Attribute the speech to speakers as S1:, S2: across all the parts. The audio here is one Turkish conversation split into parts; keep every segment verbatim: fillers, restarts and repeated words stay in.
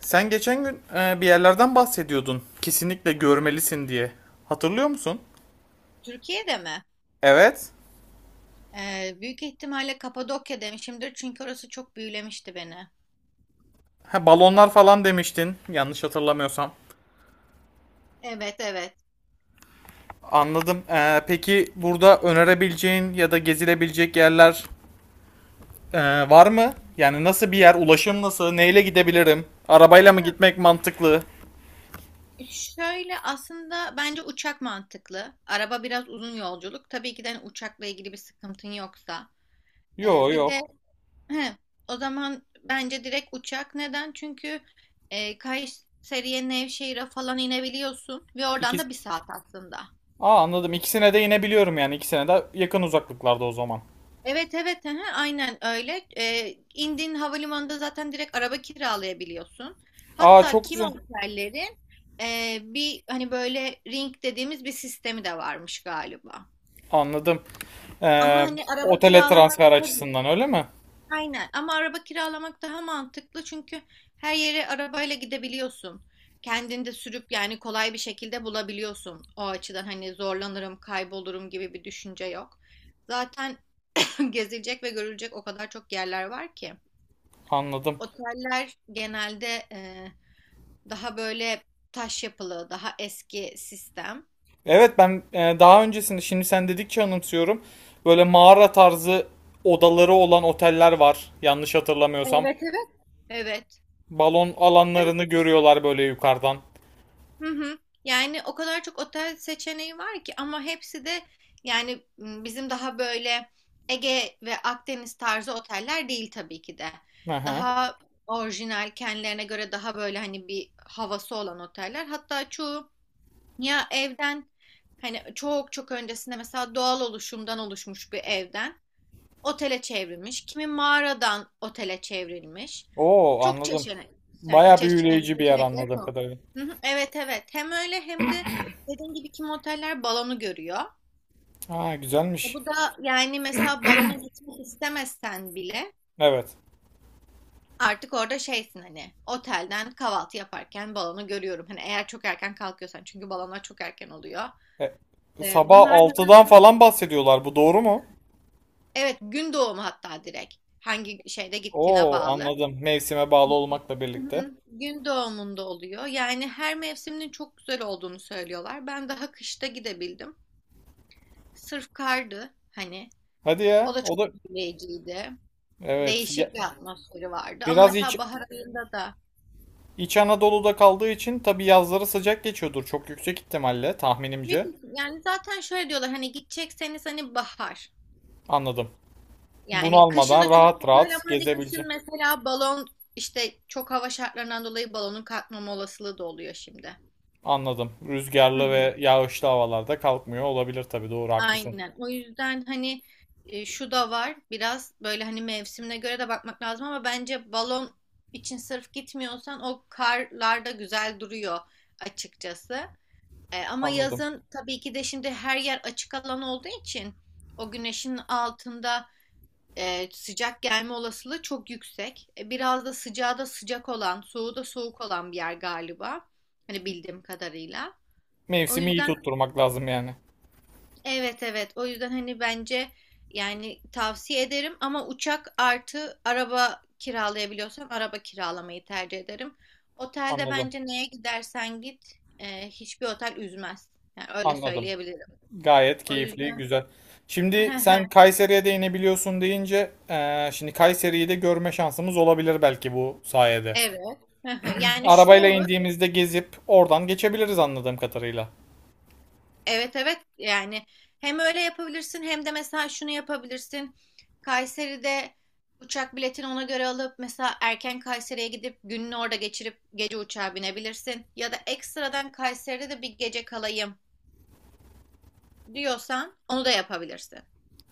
S1: Sen geçen gün e, bir yerlerden bahsediyordun. Kesinlikle görmelisin diye. Hatırlıyor musun?
S2: Türkiye'de mi?
S1: Evet.
S2: Ee, büyük ihtimalle Kapadokya demişimdir çünkü orası çok büyülemişti beni.
S1: Ha, balonlar falan demiştin. Yanlış hatırlamıyorsam.
S2: Evet evet.
S1: Anladım. E, peki burada önerebileceğin ya da gezilebilecek yerler e, var mı? Yani nasıl bir yer? Ulaşım nasıl? Neyle gidebilirim? Arabayla
S2: Ha,
S1: mı gitmek mantıklı?
S2: Şöyle aslında bence uçak mantıklı. Araba biraz uzun yolculuk. Tabii ki de hani uçakla ilgili bir sıkıntın yoksa.
S1: Yo
S2: Ee, bir de
S1: yok.
S2: he, o zaman bence direkt uçak. Neden? Çünkü e, Kayseri'ye, Nevşehir'e falan inebiliyorsun ve oradan da
S1: İkisi...
S2: bir saat aslında.
S1: Aa anladım. İkisine de inebiliyorum yani. İkisine de yakın uzaklıklarda o zaman.
S2: Evet evet aha, aynen öyle. Ee, indiğin havalimanında zaten direkt araba kiralayabiliyorsun.
S1: Aa
S2: Hatta
S1: çok
S2: kimi
S1: güzel.
S2: otellerin e, bir hani böyle ring dediğimiz bir sistemi de varmış galiba.
S1: Anladım.
S2: Ama
S1: Ee,
S2: hani araba
S1: Otele
S2: kiralamak
S1: transfer
S2: daha
S1: açısından öyle mi?
S2: Aynen ama araba kiralamak daha mantıklı çünkü her yere arabayla gidebiliyorsun. Kendin de sürüp yani kolay bir şekilde bulabiliyorsun. O açıdan hani zorlanırım, kaybolurum gibi bir düşünce yok. Zaten gezilecek ve görülecek o kadar çok yerler var ki.
S1: Anladım.
S2: Oteller genelde e, daha böyle taş yapılı, daha eski sistem.
S1: Evet ben e, daha öncesinde şimdi sen dedikçe anımsıyorum. Böyle mağara tarzı odaları olan oteller var. Yanlış hatırlamıyorsam.
S2: Evet evet. Evet.
S1: Balon alanlarını görüyorlar böyle yukarıdan.
S2: Hı hı. Yani o kadar çok otel seçeneği var ki ama hepsi de yani m, bizim daha böyle Ege ve Akdeniz tarzı oteller değil tabii ki de.
S1: Hı hı.
S2: Daha orijinal kendilerine göre daha böyle hani bir havası olan oteller. Hatta çoğu Ya evden hani çok çok öncesinde mesela doğal oluşumdan oluşmuş bir evden otele çevrilmiş. Kimi mağaradan otele çevrilmiş.
S1: Oo
S2: Çok
S1: anladım.
S2: çeşitli. Yani
S1: Baya
S2: çeş- e,
S1: büyüleyici bir yer
S2: seçenekleri
S1: anladığım
S2: çok.
S1: kadarıyla.
S2: Hı hı, evet evet. Hem öyle hem de dediğim gibi kimi oteller balonu görüyor.
S1: Ha
S2: E
S1: güzelmiş.
S2: bu da yani mesela balona gitmek istemezsen bile
S1: Evet.
S2: artık orada şeysin hani otelden kahvaltı yaparken balonu görüyorum. Hani eğer çok erken kalkıyorsan çünkü balonlar çok erken oluyor.
S1: E,
S2: E,
S1: Sabah
S2: bunlar da
S1: altıdan falan bahsediyorlar. Bu doğru mu?
S2: Evet, gün doğumu hatta direkt. Hangi şeyde gittiğine
S1: Oo
S2: bağlı.
S1: anladım. Mevsime bağlı olmakla
S2: Hı
S1: birlikte.
S2: hı. Gün doğumunda oluyor. Yani her mevsiminin çok güzel olduğunu söylüyorlar. Ben daha kışta gidebildim. Sırf kardı hani.
S1: Hadi
S2: O
S1: ya.
S2: da
S1: O
S2: çok
S1: da
S2: etkileyiciydi.
S1: Evet. ya-
S2: Değişik bir atmosferi vardı. Ama
S1: Biraz iç,
S2: mesela bahar ayında da
S1: İç Anadolu'da kaldığı için tabii yazları sıcak geçiyordur çok yüksek ihtimalle
S2: büyük
S1: tahminimce.
S2: ihtim- yani zaten şöyle diyorlar hani gidecekseniz hani bahar.
S1: Anladım. Bunu
S2: Yani kışın
S1: almadan
S2: da çok
S1: rahat
S2: güzel ama
S1: rahat
S2: hani kışın
S1: gezebileceğim.
S2: mesela balon işte çok hava şartlarından dolayı balonun kalkmama olasılığı da oluyor şimdi.
S1: Anladım.
S2: Hı
S1: Rüzgarlı
S2: hı.
S1: ve yağışlı havalarda kalkmıyor olabilir tabii doğru haklısın.
S2: Aynen. O yüzden hani e, şu da var. Biraz böyle hani mevsimine göre de bakmak lazım ama bence balon için sırf gitmiyorsan o karlarda güzel duruyor açıkçası. E, ama
S1: Anladım.
S2: yazın tabii ki de şimdi her yer açık alan olduğu için o güneşin altında e, sıcak gelme olasılığı çok yüksek. E, biraz da sıcağı da sıcak olan, soğuğu da soğuk olan bir yer galiba. Hani bildiğim kadarıyla. O
S1: Mevsimi iyi
S2: yüzden
S1: tutturmak lazım yani.
S2: evet evet o yüzden hani bence yani tavsiye ederim ama uçak artı araba kiralayabiliyorsam araba kiralamayı tercih ederim. Otelde
S1: Anladım.
S2: bence neye gidersen git e, hiçbir otel üzmez. Yani öyle
S1: Anladım.
S2: söyleyebilirim.
S1: Gayet
S2: O
S1: keyifli,
S2: yüzden
S1: güzel. Şimdi sen Kayseri'ye de inebiliyorsun deyince eee, şimdi Kayseri'yi de görme şansımız olabilir belki bu sayede.
S2: evet yani şu
S1: Arabayla
S2: olur
S1: indiğimizde gezip oradan geçebiliriz anladığım kadarıyla.
S2: evet evet yani hem öyle yapabilirsin hem de mesela şunu yapabilirsin. Kayseri'de uçak biletini ona göre alıp mesela erken Kayseri'ye gidip gününü orada geçirip gece uçağa binebilirsin. Ya da ekstradan Kayseri'de de bir gece kalayım diyorsan onu da yapabilirsin.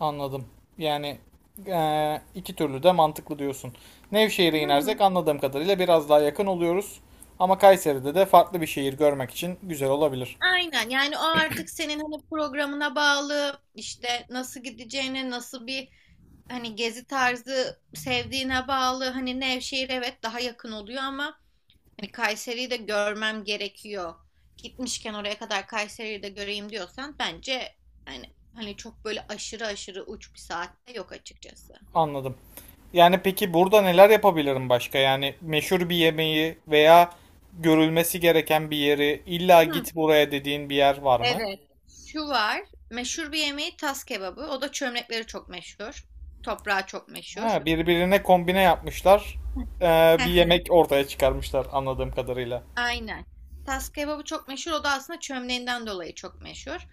S1: Anladım. Yani eee, iki türlü de mantıklı diyorsun. Nevşehir'e
S2: Hı
S1: inersek
S2: hı.
S1: anladığım kadarıyla biraz daha yakın oluyoruz. Ama Kayseri'de de farklı bir şehir görmek için güzel olabilir.
S2: Aynen yani o artık senin hani programına bağlı işte nasıl gideceğine nasıl bir hani gezi tarzı sevdiğine bağlı hani Nevşehir evet daha yakın oluyor ama hani Kayseri'yi de görmem gerekiyor. Gitmişken oraya kadar Kayseri'yi de göreyim diyorsan bence hani hani çok böyle aşırı aşırı uç bir saatte yok açıkçası.
S1: Anladım. Yani peki burada neler yapabilirim başka? Yani meşhur bir yemeği veya görülmesi gereken bir yeri, illa
S2: Hı,
S1: git buraya dediğin bir yer var mı?
S2: evet. Şu var. Meşhur bir yemeği tas kebabı. O da çömlekleri çok meşhur. Toprağı çok meşhur.
S1: Ha, birbirine kombine yapmışlar. Ee, bir yemek ortaya çıkarmışlar anladığım kadarıyla.
S2: Aynen. Tas kebabı çok meşhur. O da aslında çömleğinden dolayı çok meşhur.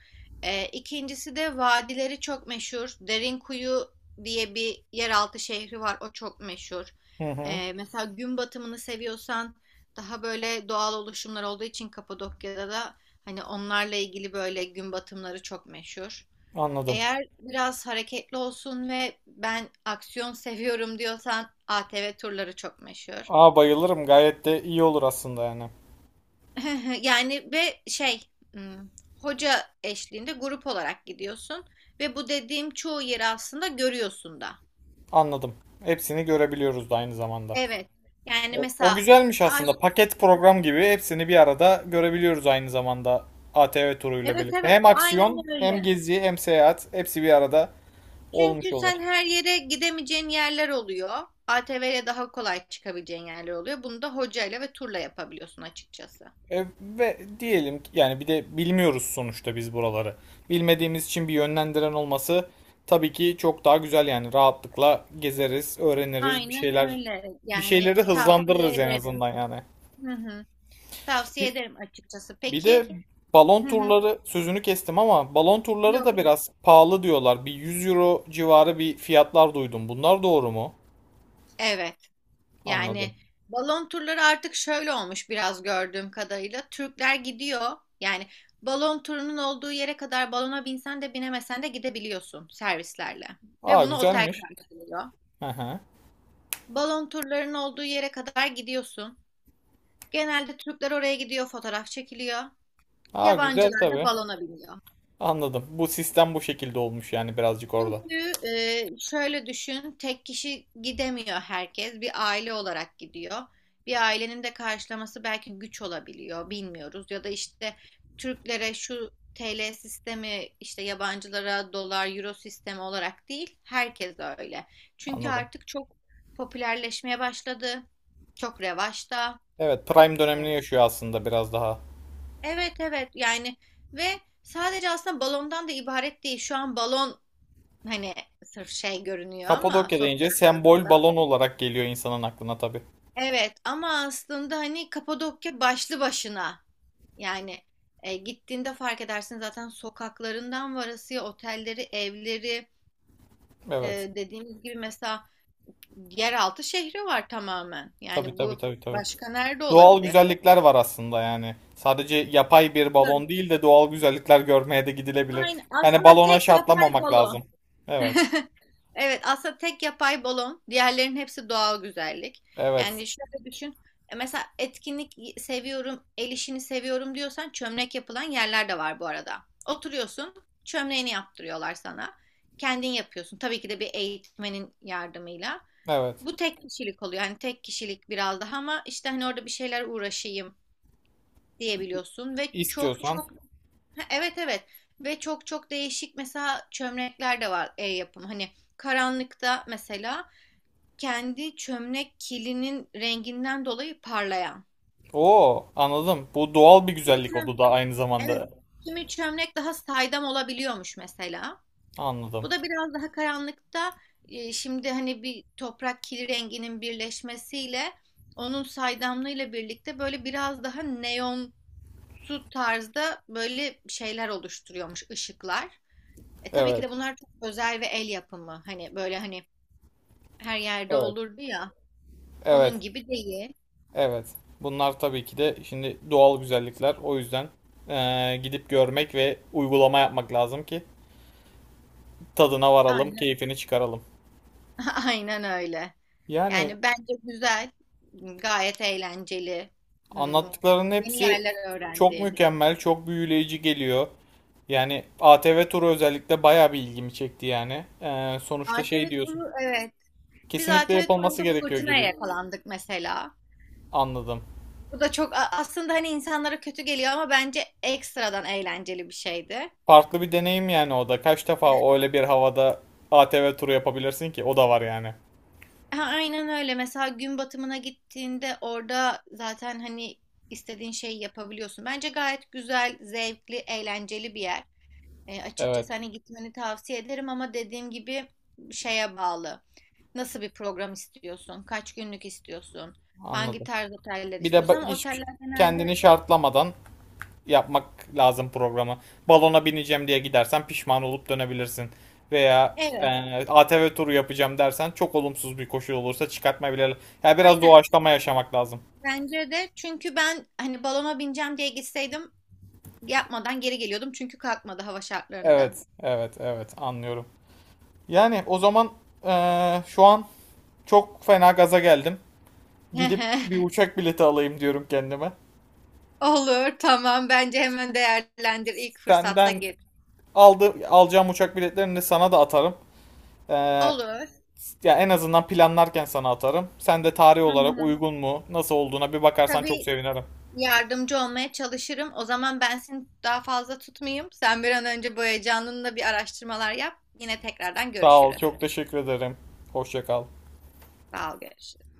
S2: Ee, ikincisi de vadileri çok meşhur. Derinkuyu diye bir yeraltı şehri var. O çok meşhur.
S1: Hı hı,
S2: Ee, mesela gün batımını seviyorsan daha böyle doğal oluşumlar olduğu için Kapadokya'da da hani onlarla ilgili böyle gün batımları çok meşhur.
S1: anladım.
S2: Eğer biraz hareketli olsun ve ben aksiyon seviyorum diyorsan A T V turları çok meşhur.
S1: Aa bayılırım. Gayet de iyi olur aslında yani.
S2: Yani ve şey hmm, hoca eşliğinde grup olarak gidiyorsun ve bu dediğim çoğu yeri aslında görüyorsun da.
S1: Anladım. Hepsini görebiliyoruz da aynı zamanda.
S2: Evet.
S1: E,
S2: Yani
S1: O
S2: mesela
S1: güzelmiş
S2: ay,
S1: aslında. Paket program gibi hepsini bir arada görebiliyoruz aynı zamanda A T V turuyla
S2: evet
S1: birlikte.
S2: evet
S1: Hem
S2: aynen
S1: aksiyon, hem
S2: öyle.
S1: gezi, hem seyahat hepsi bir arada olmuş
S2: Çünkü
S1: oluyor.
S2: sen her yere gidemeyeceğin yerler oluyor. A T V'ye daha kolay çıkabileceğin yerler oluyor. Bunu da hocayla ve turla yapabiliyorsun açıkçası.
S1: E, ve diyelim ki yani bir de bilmiyoruz sonuçta biz buraları. Bilmediğimiz için bir yönlendiren olması tabii ki çok daha güzel yani rahatlıkla gezeriz, öğreniriz, bir
S2: Aynen
S1: şeyler
S2: öyle.
S1: bir
S2: Yani
S1: şeyleri
S2: tavsiye
S1: hızlandırırız en
S2: ederim.
S1: azından yani.
S2: Hı hı. Tavsiye
S1: Bir,
S2: ederim açıkçası.
S1: bir de
S2: Peki.
S1: balon
S2: Hı hı.
S1: turları sözünü kestim ama balon turları da
S2: Yok yok.
S1: biraz pahalı diyorlar. Bir yüz euro civarı bir fiyatlar duydum. Bunlar doğru mu?
S2: Evet. Yani
S1: Anladım.
S2: balon turları artık şöyle olmuş biraz gördüğüm kadarıyla. Türkler gidiyor. Yani balon turunun olduğu yere kadar balona binsen de binemesen de gidebiliyorsun servislerle. Ve
S1: Aa
S2: bunu otel
S1: güzelmiş.
S2: karşılıyor.
S1: Hı hı.
S2: Balon turlarının olduğu yere kadar gidiyorsun. Genelde Türkler oraya gidiyor, fotoğraf çekiliyor.
S1: Aa güzel
S2: Yabancılar da
S1: tabii.
S2: balona biniyor.
S1: Anladım. Bu sistem bu şekilde olmuş yani birazcık orada.
S2: Çünkü e, şöyle düşün, tek kişi gidemiyor herkes. Bir aile olarak gidiyor. Bir ailenin de karşılaması belki güç olabiliyor, bilmiyoruz. Ya da işte Türklere şu T L sistemi, işte yabancılara dolar, euro sistemi olarak değil, herkes öyle. Çünkü
S1: Anladım.
S2: artık çok popülerleşmeye başladı. Çok revaçta.
S1: Evet, Prime dönemini yaşıyor aslında biraz daha.
S2: Evet evet yani ve sadece aslında balondan da ibaret değil. Şu an balon hani sırf şey görünüyor ama
S1: Kapadokya deyince
S2: sosyal
S1: sembol
S2: medyada.
S1: balon olarak geliyor insanın aklına tabii.
S2: Evet ama aslında hani Kapadokya başlı başına. Yani e, gittiğinde fark edersin zaten sokaklarından varasıya otelleri, evleri e,
S1: Evet.
S2: dediğimiz gibi mesela yeraltı şehri var tamamen.
S1: Tabii
S2: Yani
S1: tabii
S2: bu
S1: tabii tabii.
S2: başka nerede
S1: Doğal
S2: olabilir?
S1: güzellikler var aslında yani. Sadece yapay bir balon
S2: Evet.
S1: değil de doğal güzellikler görmeye de gidilebilir.
S2: Aynen.
S1: Yani
S2: Aslında
S1: balona
S2: tek yapay
S1: şartlamamak lazım.
S2: balon.
S1: Evet.
S2: Evet, aslında tek yapay balon, diğerlerinin hepsi doğal güzellik.
S1: Evet.
S2: Yani şöyle düşün, e, mesela etkinlik seviyorum, el işini seviyorum diyorsan çömlek yapılan yerler de var bu arada. Oturuyorsun, çömleğini yaptırıyorlar sana. Kendin yapıyorsun. Tabii ki de bir eğitmenin yardımıyla.
S1: Evet.
S2: Bu tek kişilik oluyor. Yani tek kişilik biraz daha ama işte hani orada bir şeyler uğraşayım diyebiliyorsun ve çok
S1: İstiyorsan.
S2: çok ha, evet evet ve çok çok değişik mesela çömlekler de var el yapım hani karanlıkta mesela kendi çömlek kilinin renginden dolayı parlayan.
S1: Oo, anladım. Bu doğal bir
S2: Kimi
S1: güzellik
S2: çö-
S1: o da aynı
S2: evet.
S1: zamanda.
S2: Kimi çömlek daha saydam olabiliyormuş mesela.
S1: Anladım.
S2: Bu da biraz daha karanlıkta e, şimdi hani bir toprak kili renginin birleşmesiyle onun saydamlığıyla birlikte böyle biraz daha neon su tarzda böyle şeyler oluşturuyormuş ışıklar. E tabii ki
S1: Evet.
S2: de bunlar çok özel ve el yapımı. Hani böyle hani her yerde
S1: Evet.
S2: olurdu ya.
S1: Evet.
S2: Onun gibi değil.
S1: Evet. Bunlar tabii ki de şimdi doğal güzellikler. O yüzden eee, gidip görmek ve uygulama yapmak lazım ki tadına varalım,
S2: Aynen.
S1: keyfini çıkaralım.
S2: Aynen öyle.
S1: Yani
S2: Yani bence güzel, gayet eğlenceli. Hmm,
S1: anlattıklarının
S2: yeni
S1: hepsi
S2: yerler
S1: çok
S2: öğrendin.
S1: mükemmel, çok büyüleyici geliyor. Yani A T V turu özellikle bayağı bir ilgimi çekti yani. Eee, sonuçta şey
S2: A T V
S1: diyorsun.
S2: turu evet. Biz
S1: Kesinlikle
S2: A T V
S1: yapılması
S2: turunda
S1: gerekiyor
S2: fırtınaya
S1: gibi
S2: yakalandık mesela.
S1: anladım.
S2: Bu da çok a- aslında hani insanlara kötü geliyor ama bence ekstradan eğlenceli bir şeydi.
S1: Farklı bir deneyim yani o da. Kaç defa öyle bir havada A T V turu yapabilirsin ki? O da var yani.
S2: Ha, aynen öyle. Mesela gün batımına gittiğinde orada zaten hani istediğin şeyi yapabiliyorsun. Bence gayet güzel, zevkli, eğlenceli bir yer. E,
S1: Evet,
S2: açıkçası hani gitmeni tavsiye ederim ama dediğim gibi şeye bağlı. Nasıl bir program istiyorsun? Kaç günlük istiyorsun? Hangi
S1: anladım.
S2: tarz oteller
S1: Bir de
S2: istiyorsun?
S1: ba-
S2: Ama
S1: hiç
S2: oteller
S1: kendini
S2: genelde
S1: şartlamadan yapmak lazım programı. Balona bineceğim diye gidersen pişman olup dönebilirsin. Veya e,
S2: evet,
S1: A T V turu yapacağım dersen çok olumsuz bir koşul olursa çıkartma bile. Yani biraz
S2: aynen.
S1: doğaçlama yaşamak lazım.
S2: Bence de çünkü ben hani balona bineceğim diye gitseydim yapmadan geri geliyordum çünkü kalkmadı hava şartlarından.
S1: Evet, evet, evet anlıyorum. Yani o zaman e, şu an çok fena gaza geldim. Gidip bir uçak bileti alayım diyorum kendime.
S2: Olur, tamam. Bence hemen değerlendir ilk fırsatta
S1: Senden
S2: git.
S1: aldı, alacağım uçak biletlerini sana da atarım. Ee,
S2: Olur.
S1: Ya en azından planlarken sana atarım. Sen de tarih
S2: Hı
S1: olarak
S2: hı.
S1: uygun mu, nasıl olduğuna bir bakarsan çok
S2: Tabii
S1: sevinirim.
S2: yardımcı olmaya çalışırım. O zaman ben seni daha fazla tutmayayım. Sen bir an önce bu heyecanınla bir araştırmalar yap. Yine tekrardan
S1: Sağ ol,
S2: görüşürüz.
S1: çok teşekkür ederim. Hoşça kal.
S2: Sağ ol, görüşürüz.